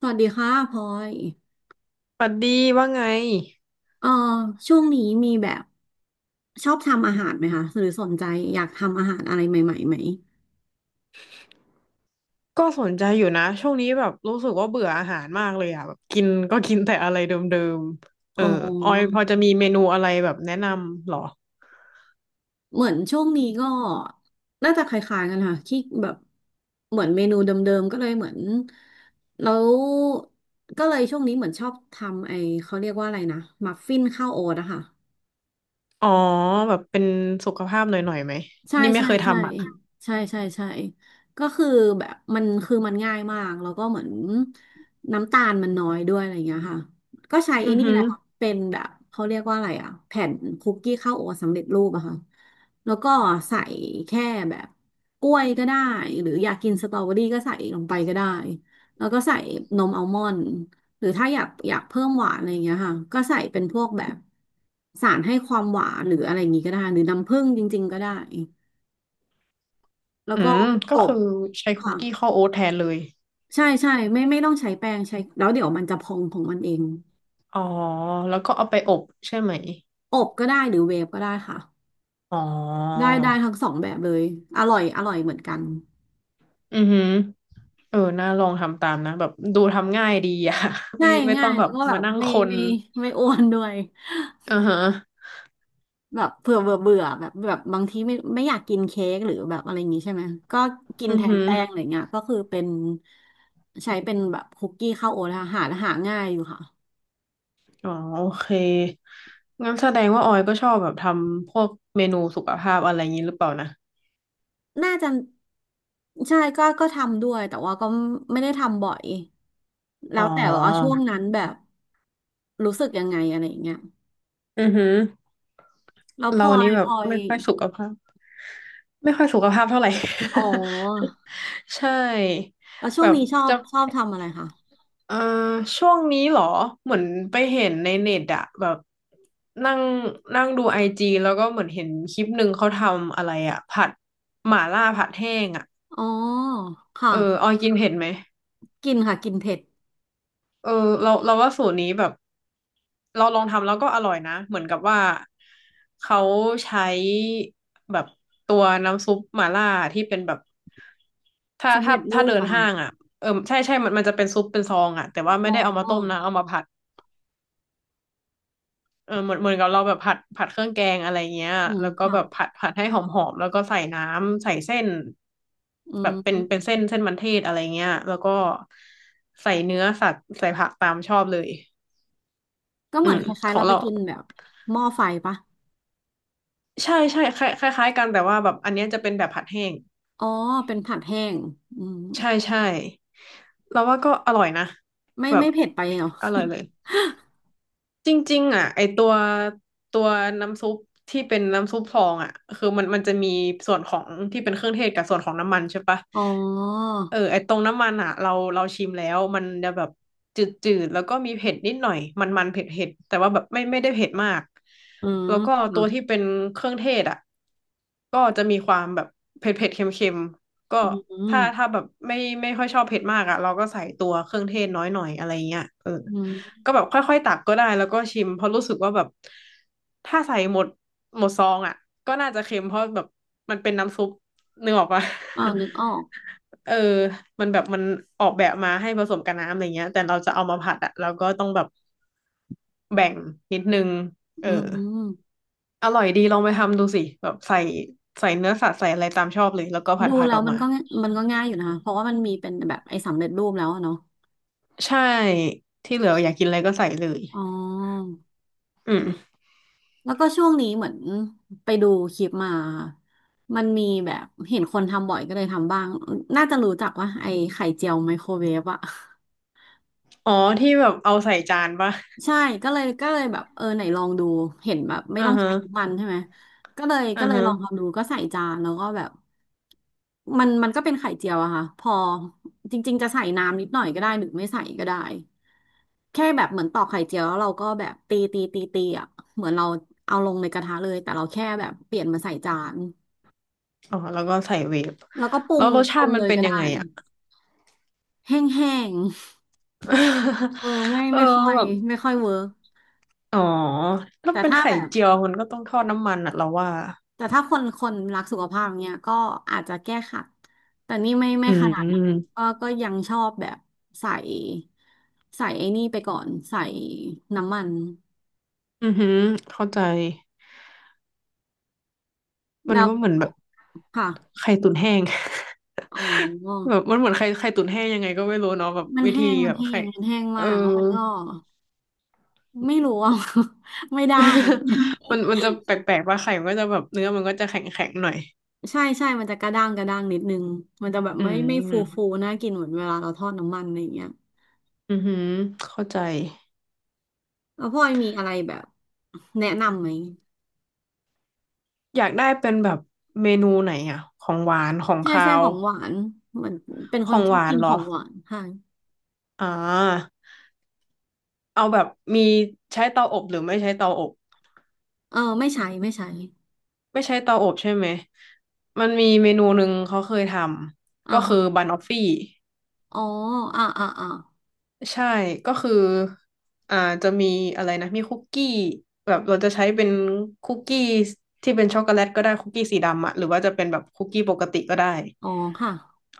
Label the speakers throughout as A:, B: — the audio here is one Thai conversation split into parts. A: สวัสดีค่ะพลอย
B: ปัดดีว่าไง
A: เอ่อช่วงนี้มีแบบชอบทำอาหารไหมคะหรือสนใจอยากทำอาหารอะไรใหม่ๆไหม
B: ก็สนใจอยู่นะช่วงนี้แบบรู้สึกว่าเบื่ออาหารมากเลยอ่ะแบบกินก็กินแต่อะไรเดิมๆเอ
A: อ๋
B: อออยพ
A: อ
B: อจะมีเมนูอะไรแบบแนะนำเหรอ
A: เหมือนช่วงนี้ก็น่าจะคล้ายๆกันค่ะที่แบบเหมือนเมนูเดิมๆก็เลยเหมือนแล้วก็เลยช่วงนี้เหมือนชอบทำไอ้เขาเรียกว่าอะไรนะมัฟฟินข้าวโอ๊ตอะค่ะ
B: อ๋อแบบเป็นสุขภาพหน่อยๆไหม
A: ใช่
B: นี่ไม่
A: ใช่
B: เคย
A: ใช่
B: ทำอ่ะ
A: ใช่ใช่ใช่ก็คือแบบมันคือมันง่ายมากแล้วก็เหมือนน้ำตาลมันน้อยด้วยอะไรเงี้ยค่ะก็ใช้
B: อื
A: ไอ้
B: อ
A: นี่
B: หื
A: แห
B: อ
A: ละค่ะเป็นแบบเขาเรียกว่าอะไรอะแผ่นคุกกี้ข้าวโอ๊ตสำเร็จรูปอะค่ะแล้วก็ใส่แค่แบบกล้วยก็ได้หรืออยากกินสตรอเบอรี่ก็ใส่ลงไปก็ได้แล้วก็ใส่นมอัลมอนด์หรือถ้าอยากเพิ่มหวานอะไรอย่างเงี้ยค่ะก็ใส่เป็นพวกแบบสารให้ความหวานหรืออะไรอย่างงี้ก็ได้หรือน้ำผึ้งจริงๆก็ได้ แล้ว
B: อื
A: ก็
B: มก็
A: อบ
B: คือใช้คุ
A: ค่ะ
B: กกี้ข้าวโอ๊ตแทนเลย
A: ใช่ใช่ไม่ต้องใช้แป้งใช้แล้วเดี๋ยวมันจะพองของมันเอง
B: อ๋อแล้วก็เอาไปอบใช่ไหม
A: อบก็ได้หรือเวฟก็ได้ค่ะ
B: อ๋อ
A: ได้ได้ทั้งสองแบบเลยอร่อยอร่อยเหมือนกัน
B: อือหือเออน่าลองทำตามนะแบบดูทำง่ายดีอ่ะ ไม่
A: ง่าย
B: ไม่
A: ง่า
B: ต้อง
A: ย
B: แบ
A: แล้
B: บ
A: วก็แบ
B: มา
A: บ
B: นั่งคน
A: ไม่อ้วนด้วย
B: อือฮะ
A: แบบเผื่อเบื่อเบื่อแบบบางทีไม่อยากกินเค้กหรือแบบอะไรอย่างงี้ใช่ไหมก็กิน
B: อือ
A: แทน
B: หือ
A: แป้งอะไรเงี้ยก็คือเป็นใช้เป็นแบบคุกกี้ข้าวโอ๊ตค่ะหาง่ายอยู่ค่ะ
B: อ๋อโอเคงั้นแสดงว่าออยก็ชอบแบบทำพวกเมนูสุขภาพอะไรอย่างนี้หรือเปล่านะ
A: น่าจะใช่ก็ทำด้วยแต่ว่าก็ไม่ได้ทำบ่อย
B: อ๋
A: แล้
B: อ
A: วแต่ว่าช่วงนั้นแบบรู้สึกยังไงอะไรอย่างเงี้ย
B: อือหือ
A: แล้วพ
B: เรา
A: ลอ
B: นี่
A: ย
B: แบ
A: พ
B: บ
A: ลอย
B: ไม่ค่อยสุขภาพไม่ค่อยสุขภาพเท่าไหร่
A: อ๋อ
B: ใช่
A: แล้วช่
B: แบ
A: วง
B: บ
A: นี้ชอบ
B: จะ
A: ชอบทำอะไรคะ
B: เอ่อช่วงนี้เหรอเหมือนไปเห็นในเน็ตอะแบบนั่งนั่งดูไอจีแล้วก็เหมือนเห็นคลิปหนึ่งเขาทำอะไรอะผัดหม่าล่าผัดแห้งอะ
A: อ๋อค่ะ
B: เออออยกินเผ็ดไหม
A: กินค่ะกินเผ็ด
B: เออเราว่าสูตรนี้แบบ เราลองทำแล้วก็อร่อยนะเหมือนกับว่าเขาใช้แบบตัวน้ำซุปหม่าล่าที่เป็นแบบถ้า
A: สำ
B: ถ้า
A: เร็จรู
B: ถ้าเดิ
A: ป
B: น
A: อะค่ะ
B: ห้างอ่ะเออใช่มันจะเป็นซุปเป็นซองอ่ะแต่ว่า
A: อ๋
B: ไม่
A: อ
B: ได้เอามาต้มนะเอามาผัดเออเหมือนกับเราแบบผัดเครื่องแกงอะไรเงี้ย
A: อืม
B: แล้วก็
A: ค่ะ
B: แบบผัดให้หอมหอมแล้วก็ใส่น้ำใส่เส้น
A: อื
B: แบบเป็น
A: ม
B: เส้นมันเทศอะไรเงี้ยแล้วก็ใส่เนื้อสัตว์ใส่ผักตามชอบเลย
A: ก็
B: อื
A: เหมือน
B: ม
A: คล้า
B: ข
A: ยๆ
B: อ
A: เรา
B: ง
A: ไป
B: เรา
A: กินแบบหม้อไฟปะ
B: ใช่ใช่คล้ายๆกันแต่ว่าแบบอันเนี้ยจะเป็นแบบผัดแห้ง
A: อ๋อเป็นผัดแห้งอืม
B: ใช่ใช่เราว่าก็อร่อยนะ
A: ไม่
B: แบบ
A: ไม่เผ็ดไปเหรอ
B: อร่อยเลย จริงๆอ่ะไอตัวตัวน้ำซุปที่เป็นน้ำซุปฟองอ่ะคือมันจะมีส่วนของที่เป็นเครื่องเทศกับส่วนของน้ำมันใช่ปะ
A: อ๋อ
B: เออไอตรงน้ำมันอ่ะเราชิมแล้วมันจะแบบจืดๆแล้วก็มีเผ็ดนิดหน่อยมันๆเผ็ดๆแต่ว่าแบบไม่ได้เผ็ดมาก
A: อื
B: แล้วก็ตัว
A: ม
B: ที่เป็นเครื่องเทศอ่ะก็จะมีความแบบเผ็ดๆเค็มๆก็
A: อืมอ
B: ถ้าแบบไม่ค่อยชอบเผ็ดมากอ่ะเราก็ใส่ตัวเครื่องเทศน้อยหน่อยอะไรเงี้ยเออ
A: ืม
B: ก็แบบค่อยๆตักก็ได้แล้วก็ชิมเพราะรู้สึกว่าแบบถ้าใส่หมดซองอ่ะก็น่าจะเค็มเพราะแบบมันเป็นน้ำซุปนึกออกปะ
A: อ่านึกออก
B: เออมันแบบมันออกแบบมาให้ผสมกับน้ำอะไรเงี้ยแต่เราจะเอามาผัดอ่ะเราก็ต้องแบบแบ่งนิดนึงเออ
A: อืม
B: อร่อยดีลองไปทำดูสิแบบใส่เนื้อสัตว์ใส่อะไรตามชอบเลยแล้วก็ผั
A: ดู
B: ดผัด
A: แล้
B: อ
A: ว
B: อก
A: มัน
B: มา
A: ก็ง่ายมันก็ง่ายอยู่นะคะเพราะว่ามันมีเป็นแบบไอ้สำเร็จรูปแล้วอะเนาะ
B: ใช่ที่เหลืออยากกินอะไรก็ใส่เลย
A: อ๋อ
B: อืม
A: แล้วก็ช่วงนี้เหมือนไปดูคลิปมามันมีแบบเห็นคนทำบ่อยก็เลยทำบ้างน่าจะรู้จักว่าไอ้ไข่เจียวไมโครเวฟอะ
B: อ๋อที่แบบเอาใส่จานปะ
A: ใช่ก็เลยแบบเออไหนลองดูเห็นแบบไม่
B: อ่า
A: ต้อง
B: ฮะ
A: ใช้น้ำมันใช่ไหมก็เลย
B: อ่า
A: ก็เลย
B: ฮะ
A: ลองทำดูก็ใส่จานแล้วก็แบบมันมันก็เป็นไข่เจียวอะค่ะพอจริงๆจะใส่น้ำนิดหน่อยก็ได้หรือไม่ใส่ก็ได้แค่แบบเหมือนตอกไข่เจียวแล้วเราก็แบบตีตีตีตีอะเหมือนเราเอาลงในกระทะเลยแต่เราแค่แบบเปลี่ยนมาใส่จาน
B: อ๋อแล้วก็ใส่เวฟ
A: แล้วก็ปรุ
B: แล้
A: ง
B: วรส
A: ปรุ
B: ชา
A: ง
B: ติมัน
A: เลย
B: เป็น
A: ก็
B: ยั
A: ได้
B: งไงอ่ะ
A: แห้งๆเออไม่
B: เออ
A: ไม่ค่อย
B: แบบ
A: ไม่ค่อยเวิร์ก
B: อ๋อถ้า
A: แต่
B: เป็น
A: ถ้า
B: ไข่
A: แบบ
B: เจียวมันก็ต้องทอดน้ำมันอ่ะเราว่า
A: แต่ถ้าคนรักสุขภาพเนี่ยก็อาจจะแก้ขัดแต่นี่ไม่
B: อื
A: ขนาดนั้น
B: ม
A: ก็ยังชอบแบบใส่ใส่ไอ้นี่ไปก่อนใส่น้ำมัน
B: อือหือเข้าใจมัน
A: แล้ว
B: ก็เหมือนแบบ
A: ค่ะ
B: ไข่ตุ๋นแห้ง
A: โอ้
B: แบบมันเหมือนไข่ไข่ตุ๋นแห้งยังไงก็ไม่รู้เนาะแบบวิธีแบบไข่
A: มันแห้ง
B: เออ
A: มากแล้วมันก็ไม่รู้อ่ะ ไม่ได้อะ
B: มันจะแปลกๆป่าไข่มันก็จะแบบเนื้อมันก็จะแข็งๆหน่อย
A: ใช่ใช่มันจะกระด้างกระด้างนิดนึงมันจะแบบ
B: อื
A: ไม่ฟูฟู
B: ม
A: น่ากินเหมือนเวลาเราทอดน้ำมันอะไรอย่างเงี้ย
B: อือหือเข้าใจ
A: แล้วพ่อยมีอะไรแบบแนะนำไหม
B: อยากได้เป็นแบบเมนูไหนอ่ะของหวานของ
A: ใช่
B: คา
A: ใช่
B: ว
A: ของหวานเหมือนเป็นค
B: ข
A: น
B: อง
A: ช
B: ห
A: อบ
B: วา
A: กิ
B: น
A: น
B: เหร
A: ขอ
B: อ
A: งหวานค่ะ
B: อ่าเอาแบบมีใช้เตาอบหรือไม่ใช้เตาอบ
A: เออไม่ใช้
B: ไม่ใช้เตาอบใช่ไหมมันมีเมนูหนึ่งเขาเคยทำ
A: อ่า
B: ก็คื
A: ฮะ
B: อบันออฟฟี่
A: อ๋ออ่าอ่าอ่า
B: ใช่ก็คืออ่าจะมีอะไรนะมีคุกกี้แบบเราจะใช้เป็นคุกกี้ที่เป็นช็อกโกแลตก็ได้คุกกี้สีดำอะหรือว่าจะเป็นแบบคุกกี้ปกติก็ได้
A: อ๋อค่ะ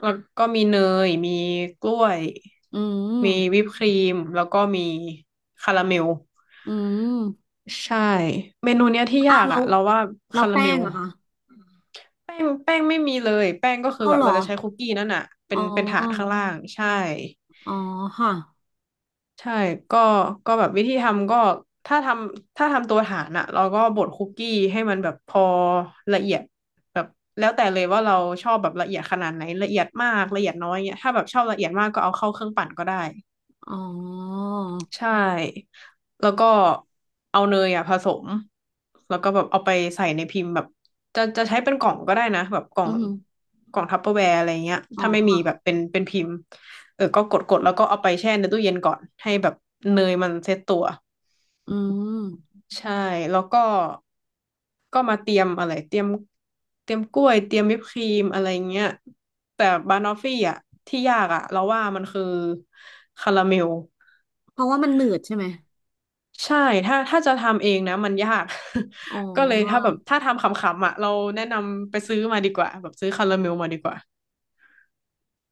B: แล้วก็มีเนย มีกล้วย
A: อื
B: มี
A: ม
B: วิปครีม แล้วก็มีคาราเมล
A: อืม
B: ใช่ เมนูเนี้ยที่
A: อ้า
B: ยา
A: ว
B: ก
A: แล้
B: อ่ะ
A: ว
B: เราว่า
A: แล้ว
B: คารา
A: แป้
B: เม
A: ง
B: ล
A: เหรอะคะ
B: แป้งแป้งไม่มีเลยแป้งก็คือ
A: เอา
B: แบบ
A: เหรอ
B: เราจะใช้คุกกี้นั่นอ่ะเป็
A: อ๋
B: นเป็นถาด
A: อ
B: ข้างล่าง ใช่
A: อ๋อค่ะ
B: ใช่ก็ก็แบบวิธีทำก็ถ้าทำตัวฐานอ่ะเราก็บดคุกกี้ให้มันแบบพอละเอียดแบบแล้วแต่เลยว่าเราชอบแบบละเอียดขนาดไหนละเอียดมากละเอียดน้อยเงี้ยถ้าแบบชอบละเอียดมากก็เอาเข้าเครื่องปั่นก็ได้
A: อ๋อ
B: ใช่ แล้วก็เอาเนยอ่ะผสมแล้วก็แบบเอาไปใส่ในพิมพ์แบบจะใช้เป็นกล่องก็ได้นะแบบกล่อ
A: อื
B: ง
A: ม
B: กล่องทัปเปอร์แวร์อะไรเงี้ย
A: อ๋อ
B: ถ้าไม่มี
A: ค่ะ
B: แบบเป็นเป็นพิมพ์เออก็กดกดแล้วก็เอาไปแช่ในตู้เย็นก่อนให้แบบเนยมันเซ็ตตัว
A: อืม
B: ใช่ แล้วก็มาเตรียมอะไรเตรียมกล้วยเตรียมวิปครีมอะไรเงี้ยแต่บานอฟฟี่อ่ะที่ยากอ่ะเราว่ามันคือคาราเมล
A: เพราะว่ามันหนืดใช่ไหม
B: ใช่ถ้าจะทำเองนะมันยาก
A: อ๋อ
B: ก็เลยถ้าแบบถ้าทำขำๆอ่ะเราแนะนำไปซื้อมาดีกว่าแบบซื้อคาราเมลมาดีกว่า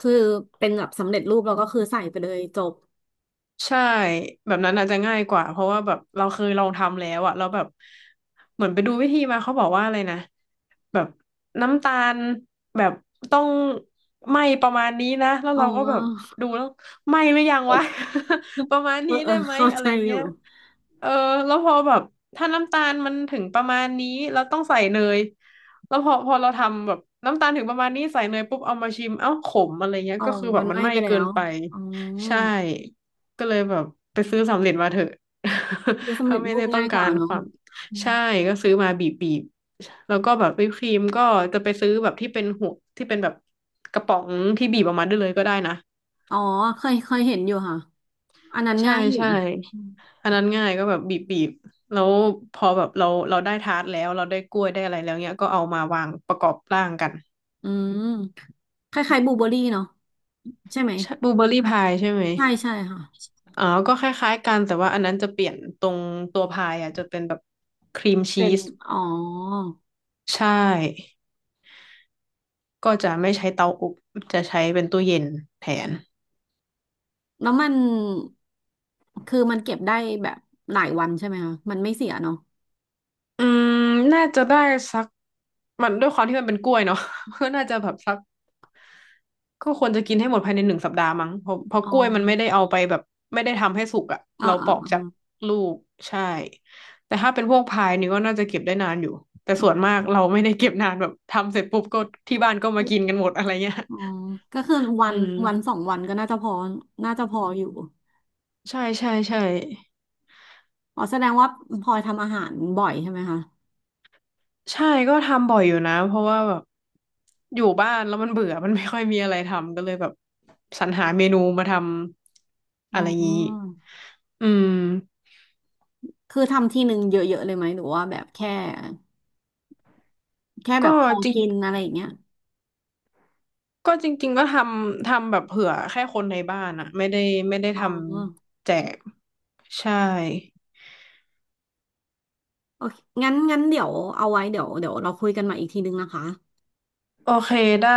A: คือเป็นแบบสำเร็จรูปแล้วก็คือใส่ไปเลยจบ
B: ใช่แบบนั้นอาจจะง่ายกว่าเพราะว่าแบบเราเคยลองทำแล้วอะแล้วแบบเหมือนไปดูวิธีมาเขาบอกว่าอะไรนะแบบน้ำตาลแบบต้องไหม้ประมาณนี้นะแล้ว
A: อ๋
B: เรา
A: อ
B: ก็แบบดูแล้วไหม้หรือยังวะ ประมาณ
A: เอ
B: นี้
A: อเออ
B: ได้ไหม
A: เข้า
B: อะ
A: ใจ
B: ไร
A: อยู่
B: เงี้ย เออแล้วพอแบบถ้าน้ำตาลมันถึงประมาณนี้เราต้องใส่เนยแล้วพอเราทำแบบน้ำตาลถึงประมาณนี้ใส่เนยปุ๊บเอามาชิมเอ้าขมอะไรเงี้ย
A: อ๋อ
B: ก็คือแบ
A: มั
B: บ
A: น
B: มั
A: ไห
B: น
A: ม้
B: ไหม้
A: ไปแล้
B: เกิน
A: ว
B: ไป
A: อ๋อ
B: ใช่ก็เลยแบบไปซื้อสำเร็จมาเถอะ
A: เดี๋ยว สำ
B: ถ้า
A: เร็จ
B: ไม่
A: รู
B: ได้
A: ป
B: ต้อ
A: ง่า
B: ง
A: ยก
B: กา
A: ว่า
B: รค
A: เนาะ
B: วาม
A: อม
B: ใช่ก็ซื้อมาบีบบีบแล้วก็แบบวิปครีมก็จะไปซื้อแบบที่เป็นหัวที่เป็นแบบกระป๋องที่บีบออกมาได้เลยก็ได้นะ
A: อ๋อเคยเห็นอยู่ค่ะ อันนั้น
B: ใช่
A: ง่ายอยู่
B: ใช่
A: อืม
B: อันนั้นง่ายก็แบบบีบบีบแล้วพอแบบเราได้ทาร์ตแล้วเราได้กล้วยได้อะไรแล้วเนี้ยก็เอามาวางประกอบร่างกัน
A: อืมคล้ายๆบลูเบอร์รี่เนาะใช่ไหม
B: ใช่บลูเบอร์รี่พายใช่ไหม
A: ใช่ใช่ค่ะ
B: อ๋อ ก็คล้ายๆกันแต่ว่าอันนั้นจะเปลี่ยนตรงตัวพายอ่ะจะเป็นแบบครีมชี
A: เป็น
B: ส
A: อ๋อ
B: ใช่ ก็จะไม่ใช้เตาอบจะใช้เป็นตู้เย็นแทน
A: แล้วมันคือมันเก็บได้แบบหลายวันใช่ไหมคะ มันไม่เสียเนาะ
B: อืมน่าจะได้สัก มันด้วยความที่มันเป็นกล้วยเนาะ ก็น่าจะแบบสัก ก็ควรจะกินให้หมดภายใน1 สัปดาห์มั้งเพราะ
A: อ๋
B: กล้วยมันไม่ได้
A: อ
B: เอาไปแบบไม่ได้ทำให้สุกอ่ะ
A: อ่า
B: เราป
A: อ่า
B: อก
A: อ่า
B: จากลูกใช่แต่ถ้าเป็นพวกพายนี่ก็น่าจะเก็บได้นานอยู่แต่ส่วนมากเราไม่ได้เก็บนานแบบทำเสร็จปุ๊บก็ที่บ้านก็มากินกันหมดอะไรเงี้ย
A: อ๋อก็คือ วั
B: อื
A: น
B: ม
A: วันสองวันก็น่าจะพอน่าจะพออยู่
B: ใช่ใช่ใช่
A: อ๋อแสดงว่าพลอยทำอาหารบ่อยใช่ไหมคะ
B: ใช่ก็ทำบ่อยอยู่นะเพราะว่าแบบอยู่บ้านแล้วมันเบื่อมันไม่ค่อยมีอะไรทำก็เลยแบบสรรหาเมนูมาทำ
A: อ๋
B: อะ
A: อ
B: ไรงี้อืม
A: คือทำทีหนึ่งเยอะๆเลยไหมหรือว่าแบบแค่
B: ก็
A: แบบพอกินอะไรอย่างเงี้ย
B: ก็จริงๆก็ทำแบบเผื่อแค่คนในบ้านอะไม่ได้ไม่ได้
A: อ๋
B: ท
A: อ
B: ำแจกใช่
A: โอเค งั้นเดี๋ยวเอาไว้เดี๋ยวเราคุยกันใหม่อีกทีนึงนะคะ
B: โอเคได้